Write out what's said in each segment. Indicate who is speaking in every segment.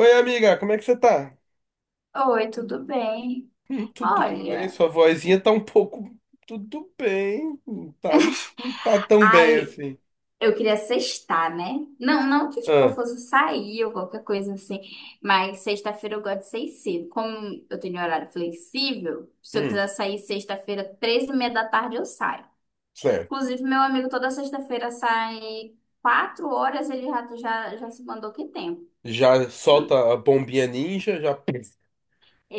Speaker 1: Oi, amiga, como é que você tá?
Speaker 2: Oi, tudo bem?
Speaker 1: Tudo bem,
Speaker 2: Olha,
Speaker 1: sua vozinha tá um pouco. Tudo bem, não tá, não, tá tão bem
Speaker 2: ai,
Speaker 1: assim.
Speaker 2: eu queria sextar, né? Não, não que tipo, eu
Speaker 1: Ah,
Speaker 2: fosse sair ou qualquer coisa assim, mas sexta-feira eu gosto de sair cedo. Como eu tenho horário flexível, se eu
Speaker 1: hum,
Speaker 2: quiser sair sexta-feira, três e meia da tarde, eu saio.
Speaker 1: certo.
Speaker 2: Inclusive, meu amigo toda sexta-feira sai 4 horas, ele já se mandou que tempo.
Speaker 1: Já solta a bombinha ninja, já,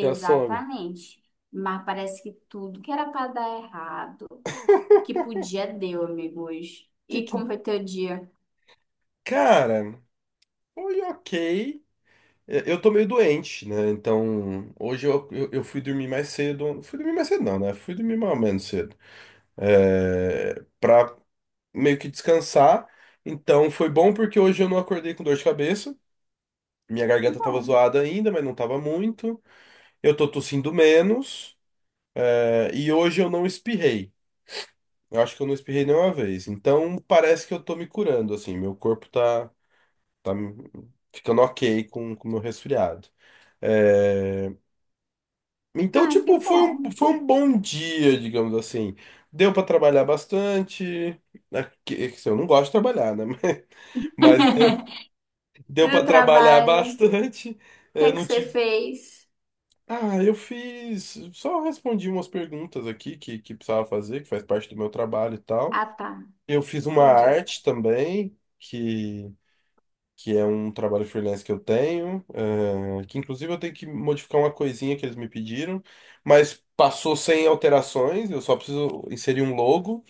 Speaker 1: já some.
Speaker 2: Mas parece que tudo que era para dar errado, que podia, deu, amigo, hoje.
Speaker 1: Que
Speaker 2: E
Speaker 1: que.
Speaker 2: como foi teu dia?
Speaker 1: Cara, foi ok. Eu tô meio doente, né? Então, hoje eu fui dormir mais cedo. Fui dormir mais cedo, não, né? Fui dormir mais ou menos cedo. É, pra meio que descansar. Então, foi bom porque hoje eu não acordei com dor de cabeça. Minha
Speaker 2: Que
Speaker 1: garganta tava
Speaker 2: bom.
Speaker 1: zoada ainda, mas não tava muito. Eu tô tossindo menos. É, e hoje eu não espirrei. Eu acho que eu não espirrei nenhuma vez. Então parece que eu tô me curando, assim. Meu corpo tá, tá ficando ok com o meu resfriado. É, então,
Speaker 2: Ah, que
Speaker 1: tipo,
Speaker 2: bom.
Speaker 1: foi um bom dia, digamos assim. Deu pra trabalhar bastante. Né, é que assim, eu não gosto de trabalhar, né? Mas deu,
Speaker 2: E
Speaker 1: deu
Speaker 2: do
Speaker 1: para trabalhar
Speaker 2: trabalho, o
Speaker 1: bastante.
Speaker 2: que é
Speaker 1: É,
Speaker 2: que
Speaker 1: não
Speaker 2: você
Speaker 1: tive.
Speaker 2: fez?
Speaker 1: Ah, eu fiz. Só respondi umas perguntas aqui que precisava fazer, que faz parte do meu trabalho e tal.
Speaker 2: Ah, tá.
Speaker 1: Eu fiz uma
Speaker 2: Entendi.
Speaker 1: arte também, que é um trabalho freelance que eu tenho, que inclusive eu tenho que modificar uma coisinha que eles me pediram, mas passou sem alterações, eu só preciso inserir um logo,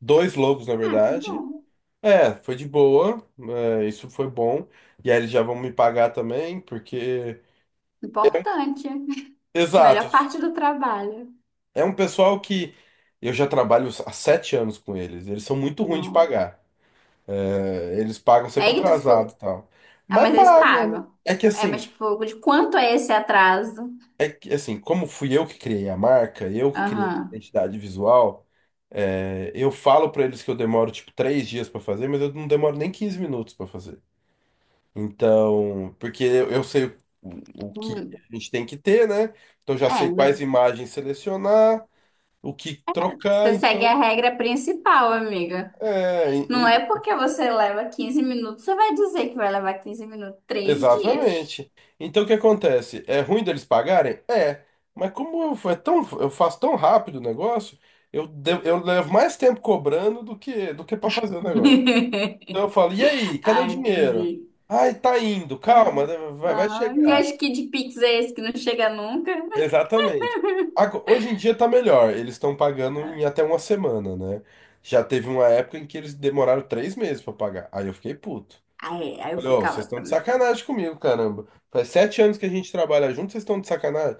Speaker 1: dois logos na
Speaker 2: Ah, que
Speaker 1: verdade.
Speaker 2: bom.
Speaker 1: É, foi de boa, isso foi bom. E aí eles já vão me pagar também, porque.
Speaker 2: Importante.
Speaker 1: Exato.
Speaker 2: Melhor parte do trabalho.
Speaker 1: É um pessoal que eu já trabalho há 7 anos com eles. Eles são muito ruins de
Speaker 2: Não.
Speaker 1: pagar. É, eles pagam sempre
Speaker 2: Aí tu ficou.
Speaker 1: atrasado e tal.
Speaker 2: Ah,
Speaker 1: Mas
Speaker 2: mas eles
Speaker 1: pagam, né?
Speaker 2: pagam.
Speaker 1: É que
Speaker 2: É, mas
Speaker 1: assim,
Speaker 2: tipo, de quanto é esse atraso?
Speaker 1: é que assim, como fui eu que criei a marca, eu que criei a
Speaker 2: Aham.
Speaker 1: identidade visual, é, eu falo pra eles que eu demoro tipo 3 dias pra fazer, mas eu não demoro nem 15 minutos pra fazer. Então, porque eu sei o, o que
Speaker 2: Hum.
Speaker 1: a gente tem que ter, né? Então eu já
Speaker 2: É,
Speaker 1: sei
Speaker 2: mas
Speaker 1: quais imagens selecionar, o que trocar,
Speaker 2: você segue a
Speaker 1: então.
Speaker 2: regra principal, amiga.
Speaker 1: É,
Speaker 2: Não é porque você leva 15 minutos, você vai dizer que vai levar 15 minutos, 3 dias.
Speaker 1: exatamente. Então o que acontece? É ruim deles pagarem? É. Mas como eu, é tão, eu faço tão rápido o negócio, eu, eu levo mais tempo cobrando do que para fazer o negócio. Então eu falo, e aí, cadê o
Speaker 2: Ah,
Speaker 1: dinheiro?
Speaker 2: entendi.
Speaker 1: Ai, tá indo, calma,
Speaker 2: Aham.
Speaker 1: né, vai
Speaker 2: Aham. E
Speaker 1: chegar.
Speaker 2: acho que de Pix é esse que não chega nunca.
Speaker 1: Exatamente. Hoje em dia tá melhor, eles estão pagando
Speaker 2: É.
Speaker 1: em até uma semana, né? Já teve uma época em que eles demoraram 3 meses para pagar. Aí eu fiquei puto.
Speaker 2: Aí, aí eu
Speaker 1: Falei, ó,
Speaker 2: ficava
Speaker 1: vocês estão de
Speaker 2: também.
Speaker 1: sacanagem comigo, caramba. Faz 7 anos que a gente trabalha junto, vocês estão de sacanagem.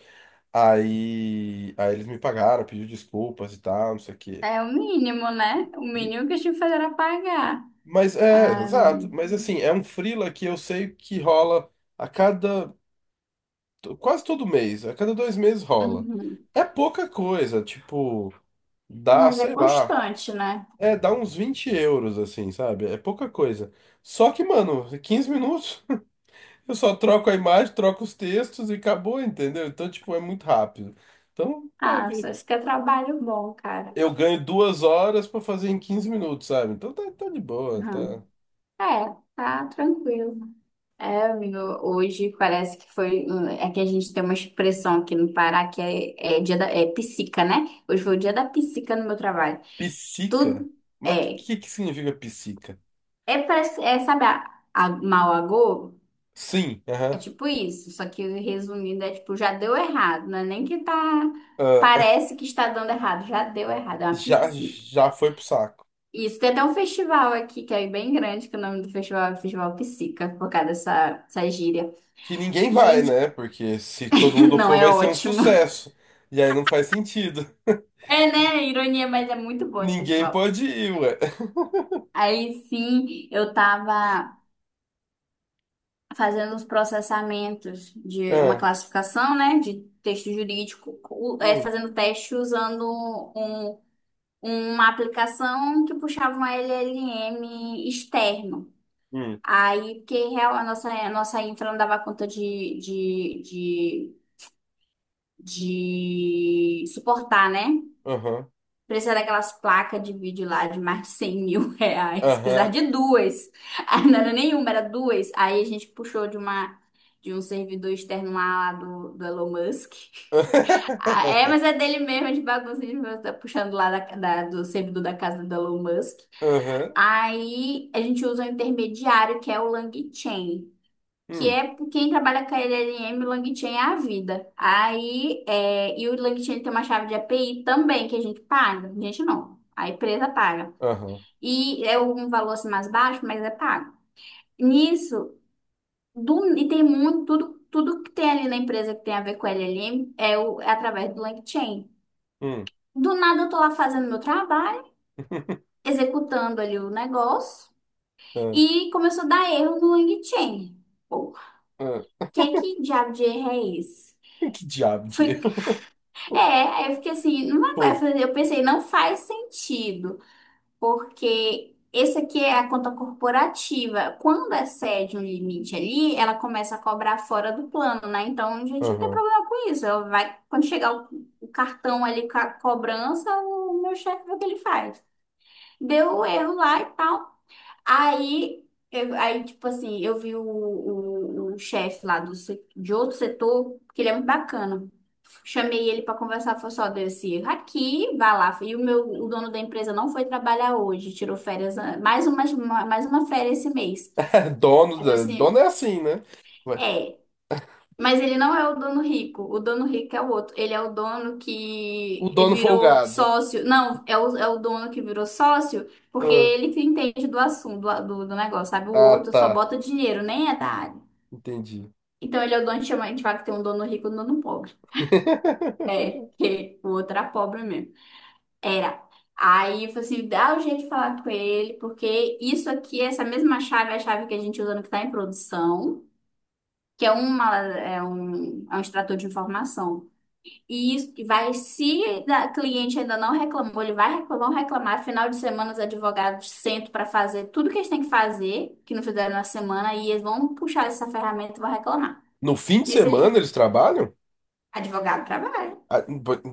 Speaker 1: Aí eles me pagaram, pediu desculpas e tal, não sei o quê.
Speaker 2: É o mínimo, né? O
Speaker 1: E,
Speaker 2: mínimo que a gente faz era pagar.
Speaker 1: mas é,
Speaker 2: Ah,
Speaker 1: exato. Mas assim, é um freela que eu sei que rola a cada, quase todo mês, a cada 2 meses rola.
Speaker 2: uhum.
Speaker 1: É pouca coisa, tipo, dá,
Speaker 2: Mas é
Speaker 1: sei lá,
Speaker 2: constante, né?
Speaker 1: é, dá uns 20 euros, assim, sabe? É pouca coisa. Só que, mano, 15 minutos. Eu só troco a imagem, troco os textos e acabou, entendeu? Então, tipo, é muito rápido. Então,
Speaker 2: Ah,
Speaker 1: é,
Speaker 2: só isso que é trabalho bom, cara.
Speaker 1: eu ganho 2 horas pra fazer em 15 minutos, sabe? Então tá, tá de boa, tá.
Speaker 2: Uhum. É, tá tranquilo. É, amigo, hoje parece que foi. É que a gente tem uma expressão aqui no Pará que é, é dia da. É psica, né? Hoje foi o dia da psica no meu trabalho.
Speaker 1: Psica?
Speaker 2: Tudo.
Speaker 1: Mas o
Speaker 2: É,
Speaker 1: que que significa psica?
Speaker 2: É, parece, é, sabe, a Malagô?
Speaker 1: Sim,
Speaker 2: É
Speaker 1: aham.
Speaker 2: tipo isso, só que resumindo, é tipo, já deu errado, não é nem que tá.
Speaker 1: Ah,
Speaker 2: Parece que está dando errado, já deu errado, é uma
Speaker 1: já,
Speaker 2: psica.
Speaker 1: já foi pro saco.
Speaker 2: Isso, tem até um festival aqui, que é bem grande, que o nome do festival é Festival Psica, por causa dessa gíria.
Speaker 1: Que ninguém vai,
Speaker 2: Gente,
Speaker 1: né? Porque se todo mundo
Speaker 2: não
Speaker 1: for,
Speaker 2: é
Speaker 1: vai ser um
Speaker 2: ótimo.
Speaker 1: sucesso. E aí não faz sentido.
Speaker 2: É, né? Ironia, mas é muito bom esse
Speaker 1: Ninguém
Speaker 2: festival.
Speaker 1: pode ir, ué.
Speaker 2: Aí sim, eu tava. Fazendo os processamentos de uma
Speaker 1: Ah,
Speaker 2: classificação, né, de texto jurídico, o- é,
Speaker 1: hum,
Speaker 2: fazendo teste usando um- uma aplicação que puxava um LLM externo.
Speaker 1: hum,
Speaker 2: Aí, porque real, a nossa infra não dava conta de suportar, né?
Speaker 1: aham,
Speaker 2: Precisar daquelas placas de vídeo lá de mais de 100 mil reais. Precisar
Speaker 1: aham.
Speaker 2: de duas. Aí não era nenhuma, era duas. Aí a gente puxou de uma de um servidor externo lá, lá do Elon Musk. Ah, é, mas é dele mesmo, de bagunça, tá puxando lá da, da- do servidor da casa do Elon Musk.
Speaker 1: Aham.
Speaker 2: Aí a gente usa um intermediário, que é o LangChain, que
Speaker 1: Hum,
Speaker 2: é quem trabalha com a LLM, o LangChain é a vida. Aí, é, e o LangChain tem uma chave de API também que a gente paga. A gente não, a empresa paga.
Speaker 1: aham,
Speaker 2: E é um valor assim, mais baixo, mas é pago. Nisso, do- e tem muito, tudo, tudo que tem ali na empresa que tem a ver com LLM é, o, é através do LangChain.
Speaker 1: hum,
Speaker 2: Do nada eu tô lá fazendo meu trabalho, executando ali o negócio,
Speaker 1: ah,
Speaker 2: e começou a dar erro no LangChain. Pô,
Speaker 1: ah.
Speaker 2: que diabo de erro é esse?
Speaker 1: Que diabo
Speaker 2: Fui.
Speaker 1: de erro,
Speaker 2: É, aí eu fiquei assim, não vai
Speaker 1: fofo.
Speaker 2: fazer. Eu pensei, não faz sentido, porque esse aqui é a conta corporativa. Quando excede um limite ali, ela começa a cobrar fora do plano, né? Então a gente não tem
Speaker 1: Aham.
Speaker 2: problema com isso. Ela vai, quando chegar o cartão ali com a cobrança, o meu chefe vê o que ele faz. Deu erro lá e tal. Aí, eu, aí, tipo assim, eu vi o chefe lá do, se- de outro setor, que ele é muito bacana. Chamei ele para conversar, foi só desse aqui, vá lá. E o meu, o dono da empresa não foi trabalhar hoje, tirou férias, ah, mais uma férias esse mês.
Speaker 1: Dono,
Speaker 2: Aí eu falei
Speaker 1: dono
Speaker 2: assim,
Speaker 1: é assim, né? Ué,
Speaker 2: é. Mas ele não é o dono rico. O dono rico é o outro. Ele é o dono
Speaker 1: o
Speaker 2: que
Speaker 1: dono
Speaker 2: virou
Speaker 1: folgado.
Speaker 2: sócio. Não, é o dono que virou sócio porque
Speaker 1: Ah,
Speaker 2: ele que entende do assunto, do, do negócio, sabe? O
Speaker 1: ah,
Speaker 2: outro só
Speaker 1: tá,
Speaker 2: bota dinheiro, nem é da área.
Speaker 1: entendi.
Speaker 2: Então ele é o dono que chama, a gente fala que tem um dono rico e um dono pobre. É, porque o outro era pobre mesmo. Era. Aí eu falei assim, dá o jeito de falar com ele, porque isso aqui, essa mesma chave, é a chave que a gente usa no que está em produção, que é, uma, é um extrator de informação. E isso que vai, se da cliente ainda não reclamou, ele vai reclamar, vão reclamar. Final de semana, os advogados sentam para fazer tudo que eles têm que fazer, que não fizeram na semana, e eles vão puxar essa ferramenta e vão reclamar.
Speaker 1: No fim de
Speaker 2: Diz
Speaker 1: semana
Speaker 2: ele,
Speaker 1: eles trabalham?
Speaker 2: advogado trabalha.
Speaker 1: Ah,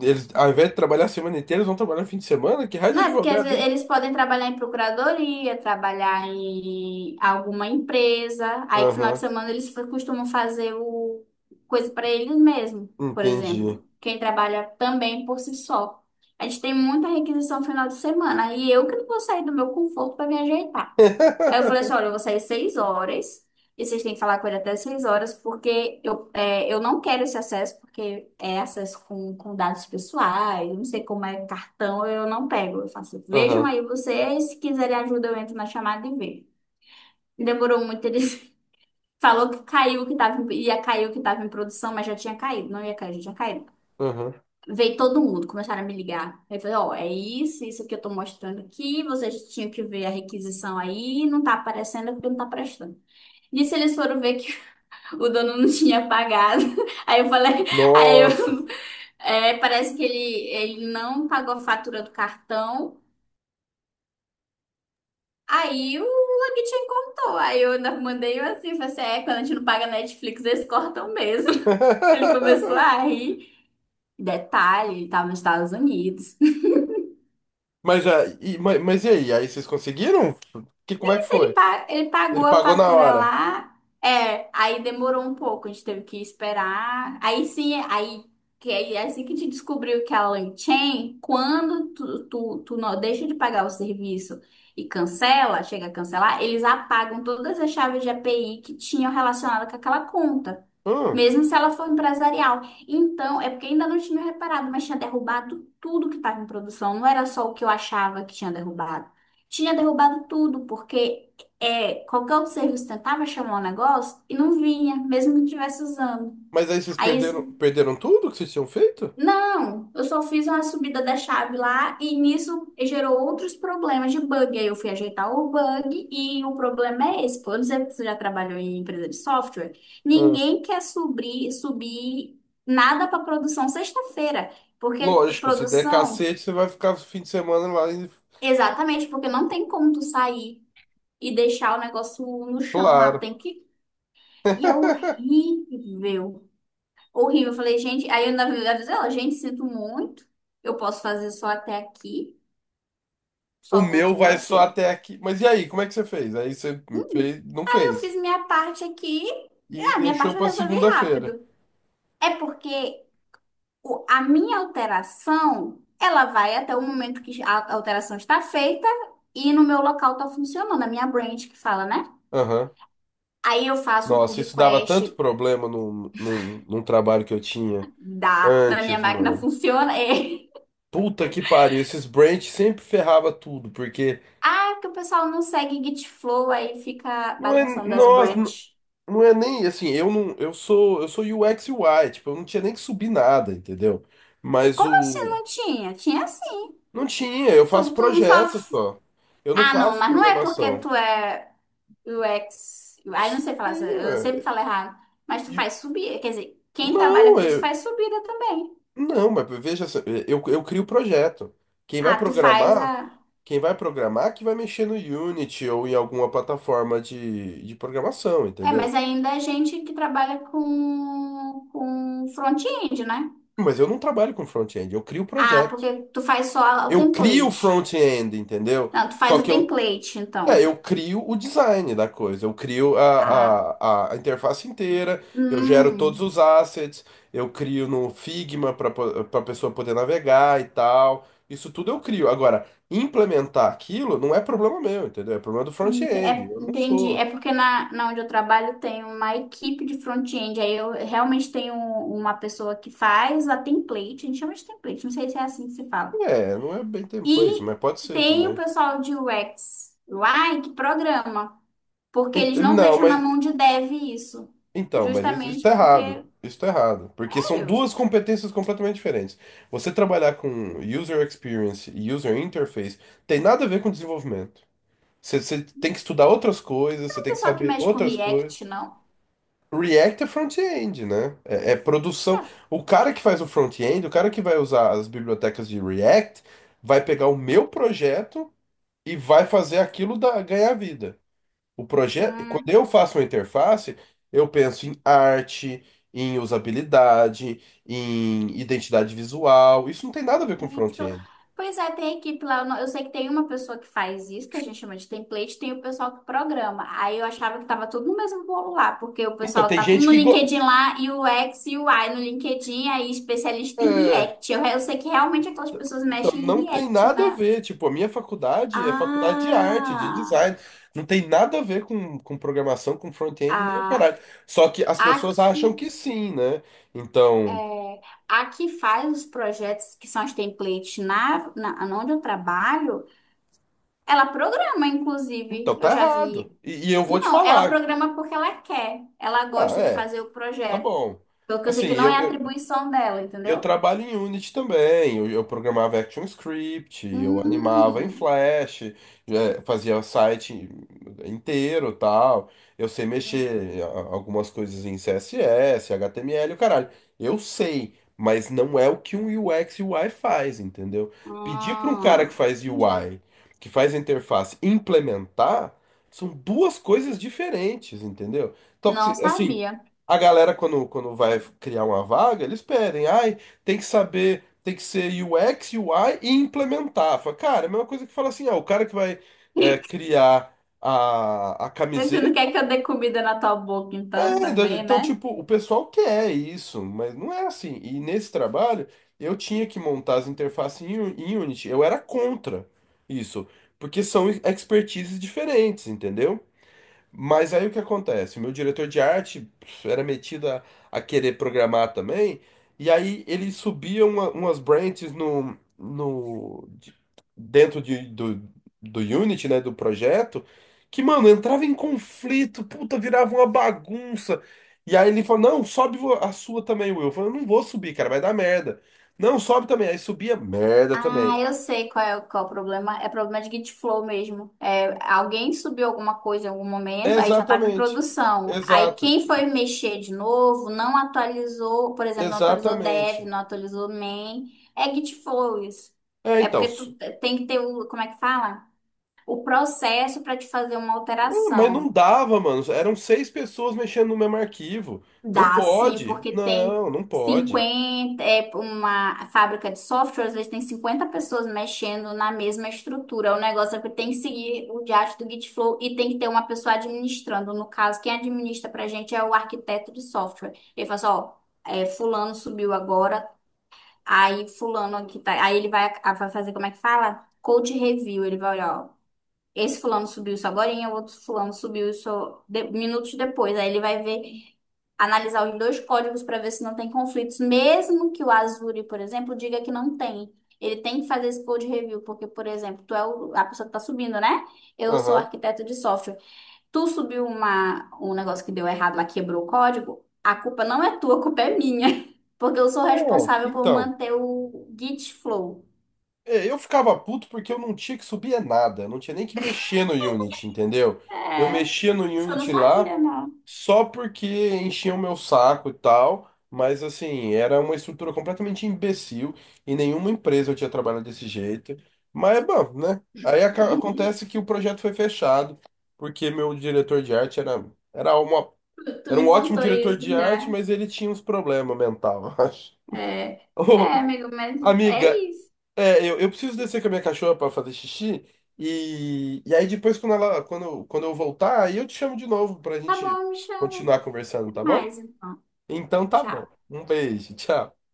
Speaker 1: eles, ao invés de trabalhar a semana inteira, eles vão trabalhar no fim de semana? Que raio de
Speaker 2: Não é porque às vezes
Speaker 1: advogado, né?
Speaker 2: eles podem trabalhar em procuradoria, trabalhar em alguma empresa. Aí, no final de
Speaker 1: Aham,
Speaker 2: semana, eles fa- costumam fazer o coisa para eles mesmos, por
Speaker 1: entendi.
Speaker 2: exemplo. Quem trabalha também por si só. A gente tem muita requisição final de semana. E eu que não vou sair do meu conforto para me ajeitar. Aí eu falei assim, olha, eu vou sair 6 horas e vocês têm que falar com ele até 6 horas porque eu, é, eu não quero esse acesso porque é acesso com dados pessoais, não sei como é cartão, eu não pego. Eu faço, vejam
Speaker 1: Aham,
Speaker 2: aí vocês, se quiserem ajuda eu entro na chamada e vejo. Demorou muito, ele falou que caiu, que tava, em- ia cair o que estava em produção, mas já tinha caído, não ia cair, já tinha caído.
Speaker 1: aham.
Speaker 2: Veio todo mundo, começaram a me ligar. Aí eu falei, ó, é isso, isso que eu tô mostrando aqui, vocês tinham que ver a requisição aí, não tá aparecendo é porque não tá prestando. E se eles foram ver que o dono não tinha pagado? Aí eu falei, aí eu,
Speaker 1: Nossa.
Speaker 2: é, parece que ele não pagou a fatura do cartão. Aí o Logitech contou. Aí eu ainda mandei assim, falei assim, é, quando a gente não paga Netflix, eles cortam mesmo. Ele começou a rir. Detalhe, ele tava nos Estados Unidos.
Speaker 1: Mas, mas e aí? Aí vocês conseguiram? Que, como é que
Speaker 2: Mas ele,
Speaker 1: foi?
Speaker 2: pa- ele pagou
Speaker 1: Ele
Speaker 2: a
Speaker 1: pagou na
Speaker 2: fatura
Speaker 1: hora.
Speaker 2: lá. É, aí demorou um pouco, a gente teve que esperar. Aí sim, aí que aí é assim que a gente descobriu que a Lanchain, quando tu não deixa de pagar o serviço e cancela, chega a cancelar, eles apagam todas as chaves de API que tinham relacionado com aquela conta.
Speaker 1: Hum,
Speaker 2: Mesmo se ela for empresarial. Então, é porque ainda não tinha reparado, mas tinha derrubado tudo que estava em produção. Não era só o que eu achava que tinha derrubado. Tinha derrubado tudo, porque é, qualquer outro serviço tentava chamar o negócio e não vinha, mesmo que estivesse usando.
Speaker 1: mas aí vocês
Speaker 2: Aí, esse
Speaker 1: perderam tudo que vocês tinham feito?
Speaker 2: não, eu só fiz uma subida da chave lá e nisso gerou outros problemas de bug. Aí eu fui ajeitar o bug e o problema é esse. Pô, eu não sei se você já trabalhou em empresa de software.
Speaker 1: Hum,
Speaker 2: Ninguém quer subir nada para produção sexta-feira, porque
Speaker 1: lógico, se der
Speaker 2: produção,
Speaker 1: cacete, você vai ficar o fim de semana lá.
Speaker 2: exatamente, porque não tem como tu sair e deixar o negócio no chão lá,
Speaker 1: Claro.
Speaker 2: tem que. E é horrível. Horrível. Eu falei, gente, aí eu ainda vi ela, dizer, ó, gente, sinto muito. Eu posso fazer só até aqui.
Speaker 1: O
Speaker 2: Só vou
Speaker 1: meu vai só
Speaker 2: segunda-feira. Aí
Speaker 1: até aqui. Mas e aí, como é que você fez? Aí você fez, não
Speaker 2: eu
Speaker 1: fez.
Speaker 2: fiz minha parte aqui.
Speaker 1: E
Speaker 2: A minha parte
Speaker 1: deixou
Speaker 2: eu
Speaker 1: pra
Speaker 2: resolvi
Speaker 1: segunda-feira.
Speaker 2: rápido. É porque o- a minha alteração, ela vai até o momento que a alteração está feita e no meu local está funcionando, a minha branch que fala, né?
Speaker 1: Aham.
Speaker 2: Aí eu faço um pull
Speaker 1: Nossa, isso dava
Speaker 2: request,
Speaker 1: tanto problema num num trabalho que eu tinha
Speaker 2: dá, na minha
Speaker 1: antes,
Speaker 2: máquina
Speaker 1: mano.
Speaker 2: funciona. é.
Speaker 1: Puta que pariu, esses branch sempre ferrava tudo, porque.
Speaker 2: Ah, que o pessoal não segue Git Flow, aí fica
Speaker 1: Não é,
Speaker 2: bagunçando as
Speaker 1: nossa,
Speaker 2: branches.
Speaker 1: não é nem assim, eu não, eu sou UX UI, tipo, eu não tinha nem que subir nada, entendeu? Mas
Speaker 2: Como assim
Speaker 1: o
Speaker 2: não tinha? Tinha sim.
Speaker 1: não tinha, eu
Speaker 2: Tu,
Speaker 1: faço
Speaker 2: tu não só.
Speaker 1: projetos só. Eu não
Speaker 2: Ah, não,
Speaker 1: faço
Speaker 2: mas não é porque
Speaker 1: programação.
Speaker 2: tu é. U X, aí não sei falar,
Speaker 1: Sim,
Speaker 2: essa- eu sempre
Speaker 1: é,
Speaker 2: falo errado. Mas tu
Speaker 1: e-
Speaker 2: faz subir, quer dizer, quem trabalha
Speaker 1: não,
Speaker 2: com isso
Speaker 1: eu,
Speaker 2: faz subida também.
Speaker 1: não, mas veja, só, eu crio o projeto. Quem vai
Speaker 2: Ah, tu faz a.
Speaker 1: programar, quem vai programar que vai mexer no Unity ou em alguma plataforma de programação,
Speaker 2: É, mas
Speaker 1: entendeu?
Speaker 2: ainda é gente que trabalha com front-end, né?
Speaker 1: Mas eu não trabalho com front-end, eu crio o
Speaker 2: Ah,
Speaker 1: projeto.
Speaker 2: porque tu faz só o
Speaker 1: Eu crio o
Speaker 2: template.
Speaker 1: front-end, entendeu?
Speaker 2: Não, tu
Speaker 1: Só
Speaker 2: faz o
Speaker 1: que eu,
Speaker 2: template,
Speaker 1: é,
Speaker 2: então.
Speaker 1: eu crio o design da coisa, eu crio a,
Speaker 2: Ah,
Speaker 1: a, a interface inteira, eu gero todos
Speaker 2: hum.
Speaker 1: os assets, eu crio no Figma para a pessoa poder navegar e tal. Isso tudo eu crio. Agora, implementar aquilo não é problema meu, entendeu? É problema do front-end.
Speaker 2: É,
Speaker 1: Eu não
Speaker 2: entendi.
Speaker 1: sou.
Speaker 2: É porque na onde eu trabalho tem uma equipe de front-end. Aí eu realmente tenho uma pessoa que faz a template. A gente chama de template, não sei se é assim que se fala.
Speaker 1: É, não é bem template,
Speaker 2: E
Speaker 1: mas pode ser
Speaker 2: tem o
Speaker 1: também.
Speaker 2: pessoal de UX, UI, que programa. Porque eles não
Speaker 1: Não,
Speaker 2: deixam na
Speaker 1: mas
Speaker 2: mão de dev isso.
Speaker 1: então, mas isso está
Speaker 2: Justamente porque,
Speaker 1: errado. Isso está errado. Porque são
Speaker 2: sério,
Speaker 1: duas competências completamente diferentes. Você trabalhar com user experience e user interface tem nada a ver com desenvolvimento. Você tem que estudar outras coisas,
Speaker 2: não
Speaker 1: você
Speaker 2: é o
Speaker 1: tem que
Speaker 2: pessoal que
Speaker 1: saber
Speaker 2: mexe com
Speaker 1: outras coisas.
Speaker 2: React, não?
Speaker 1: React é front-end, né? É produção. O cara que faz o front-end, o cara que vai usar as bibliotecas de React, vai pegar o meu projeto e vai fazer aquilo da, ganhar vida. O projeto, quando
Speaker 2: Hum.
Speaker 1: eu faço uma interface, eu penso em arte, em usabilidade, em identidade visual. Isso não tem nada a ver com
Speaker 2: Gente, que lou-.
Speaker 1: front-end.
Speaker 2: Pois é, tem equipe lá. Eu não- eu sei que tem uma pessoa que faz isso, que a gente chama de template, tem o pessoal que programa. Aí eu achava que tava tudo no mesmo bolo lá, porque o
Speaker 1: Então,
Speaker 2: pessoal
Speaker 1: tem
Speaker 2: tá tudo
Speaker 1: gente
Speaker 2: no
Speaker 1: que
Speaker 2: LinkedIn lá, e o X e o Y no LinkedIn, aí especialista em
Speaker 1: é,
Speaker 2: React. Eu sei que realmente aquelas pessoas
Speaker 1: então,
Speaker 2: mexem
Speaker 1: não
Speaker 2: em
Speaker 1: tem
Speaker 2: React,
Speaker 1: nada a
Speaker 2: né?
Speaker 1: ver. Tipo, a minha faculdade é faculdade de arte, de
Speaker 2: Ah,
Speaker 1: design. Não tem nada a ver com programação, com front-end, nem o
Speaker 2: a,
Speaker 1: caralho. Só que as
Speaker 2: a
Speaker 1: pessoas acham
Speaker 2: que,
Speaker 1: que sim, né? Então,
Speaker 2: é, a que faz os projetos que são os templates onde eu trabalho, ela programa, inclusive.
Speaker 1: então
Speaker 2: Eu
Speaker 1: tá
Speaker 2: já
Speaker 1: errado.
Speaker 2: vi.
Speaker 1: E eu vou te
Speaker 2: Não, ela
Speaker 1: falar.
Speaker 2: programa porque ela quer. Ela
Speaker 1: Ah,
Speaker 2: gosta de
Speaker 1: é,
Speaker 2: fazer o
Speaker 1: tá
Speaker 2: projeto.
Speaker 1: bom.
Speaker 2: Porque eu sei que
Speaker 1: Assim,
Speaker 2: não é
Speaker 1: eu, eu
Speaker 2: atribuição dela,
Speaker 1: Eu
Speaker 2: entendeu?
Speaker 1: trabalho em Unity também. Eu programava ActionScript, eu animava em
Speaker 2: Hum.
Speaker 1: Flash, fazia o site inteiro, tal. Eu sei mexer algumas coisas em CSS, HTML, o caralho. Eu sei, mas não é o que um UX e UI faz, entendeu? Pedir para um cara que
Speaker 2: Ah,
Speaker 1: faz
Speaker 2: entendi.
Speaker 1: UI, que faz interface, implementar, são duas coisas diferentes, entendeu? Então,
Speaker 2: Não
Speaker 1: assim,
Speaker 2: sabia.
Speaker 1: a galera, quando vai criar uma vaga, eles pedem. Ai, tem que saber, tem que ser U x UX, UI e implementar. Fala, cara, é a mesma coisa que fala assim, ah, o cara que vai é, criar a
Speaker 2: Você
Speaker 1: camiseta.
Speaker 2: não quer que eu dê comida na tua boca, então,
Speaker 1: É,
Speaker 2: também,
Speaker 1: então,
Speaker 2: né?
Speaker 1: tipo, o pessoal quer isso, mas não é assim. E nesse trabalho, eu tinha que montar as interfaces em, em Unity. Eu era contra isso, porque são expertises diferentes, entendeu? Mas aí o que acontece? O meu diretor de arte era metido a querer programar também, e aí ele subia umas branches no dentro do, do Unity, né, do projeto, que, mano, entrava em conflito, puta, virava uma bagunça. E aí ele falou, não, sobe a sua também, Will. Eu falei, eu não vou subir, cara, vai dar merda. Não, sobe também. Aí subia, merda
Speaker 2: Ah,
Speaker 1: também.
Speaker 2: eu sei qual é o problema. É problema de Git Flow mesmo. É, alguém subiu alguma coisa em algum momento, aí já estava em
Speaker 1: Exatamente.
Speaker 2: produção. Aí
Speaker 1: Exato.
Speaker 2: quem foi mexer de novo não atualizou, por exemplo, não atualizou dev,
Speaker 1: Exatamente.
Speaker 2: não atualizou main. É Git Flow isso.
Speaker 1: É,
Speaker 2: É
Speaker 1: então.
Speaker 2: porque tu tem que ter o, como é que fala? O processo para te fazer uma
Speaker 1: Ah, mas
Speaker 2: alteração.
Speaker 1: não dava, mano. Eram 6 pessoas mexendo no mesmo arquivo. Não
Speaker 2: Dá sim,
Speaker 1: pode.
Speaker 2: porque tem
Speaker 1: Não, não pode.
Speaker 2: 50 é uma fábrica de softwares, eles têm 50 pessoas mexendo na mesma estrutura. O negócio é que tem que seguir o diacho do Gitflow e tem que ter uma pessoa administrando. No caso, quem administra pra gente é o arquiteto de software. Ele fala assim, ó, é, fulano subiu agora, aí fulano aqui tá, aí ele vai, vai fazer como é que fala? Code review, ele vai olhar, ó, esse fulano subiu isso agorinha, o outro fulano subiu isso de- minutos depois. Aí ele vai ver, analisar os dois códigos para ver se não tem conflitos, mesmo que o Azure, por exemplo, diga que não tem. Ele tem que fazer esse code review, porque, por exemplo, tu é o- a pessoa que tá subindo, né? Eu sou
Speaker 1: Aham.
Speaker 2: arquiteto de software. Tu subiu uma, um negócio que deu errado lá, quebrou o código, a culpa não é tua, a culpa é minha. Porque eu sou
Speaker 1: É,
Speaker 2: responsável por
Speaker 1: então.
Speaker 2: manter o Git flow.
Speaker 1: É, eu ficava puto porque eu não tinha que subir é nada, eu não tinha nem que mexer no Unity, entendeu? Eu
Speaker 2: É,
Speaker 1: mexia no
Speaker 2: você não
Speaker 1: Unity lá
Speaker 2: sabia, não.
Speaker 1: só porque enchia o meu saco e tal, mas assim, era uma estrutura completamente imbecil e nenhuma empresa eu tinha trabalhado desse jeito. Mas, bom, né? Aí acontece que o projeto foi fechado porque meu diretor de arte era, era uma,
Speaker 2: Tu, tu
Speaker 1: era um
Speaker 2: me
Speaker 1: ótimo
Speaker 2: contou
Speaker 1: diretor
Speaker 2: isso
Speaker 1: de arte,
Speaker 2: já.
Speaker 1: mas ele tinha uns problemas mental, eu acho.
Speaker 2: É,
Speaker 1: Ô,
Speaker 2: é, amigo, mas é
Speaker 1: amiga,
Speaker 2: isso.
Speaker 1: é, eu preciso descer com a minha cachorra pra fazer xixi. E aí depois, quando ela, quando eu voltar, aí eu te chamo de novo pra
Speaker 2: Tá
Speaker 1: gente
Speaker 2: bom, me chama
Speaker 1: continuar conversando, tá bom?
Speaker 2: mais então.
Speaker 1: Então tá bom.
Speaker 2: Tchau.
Speaker 1: Um beijo, tchau.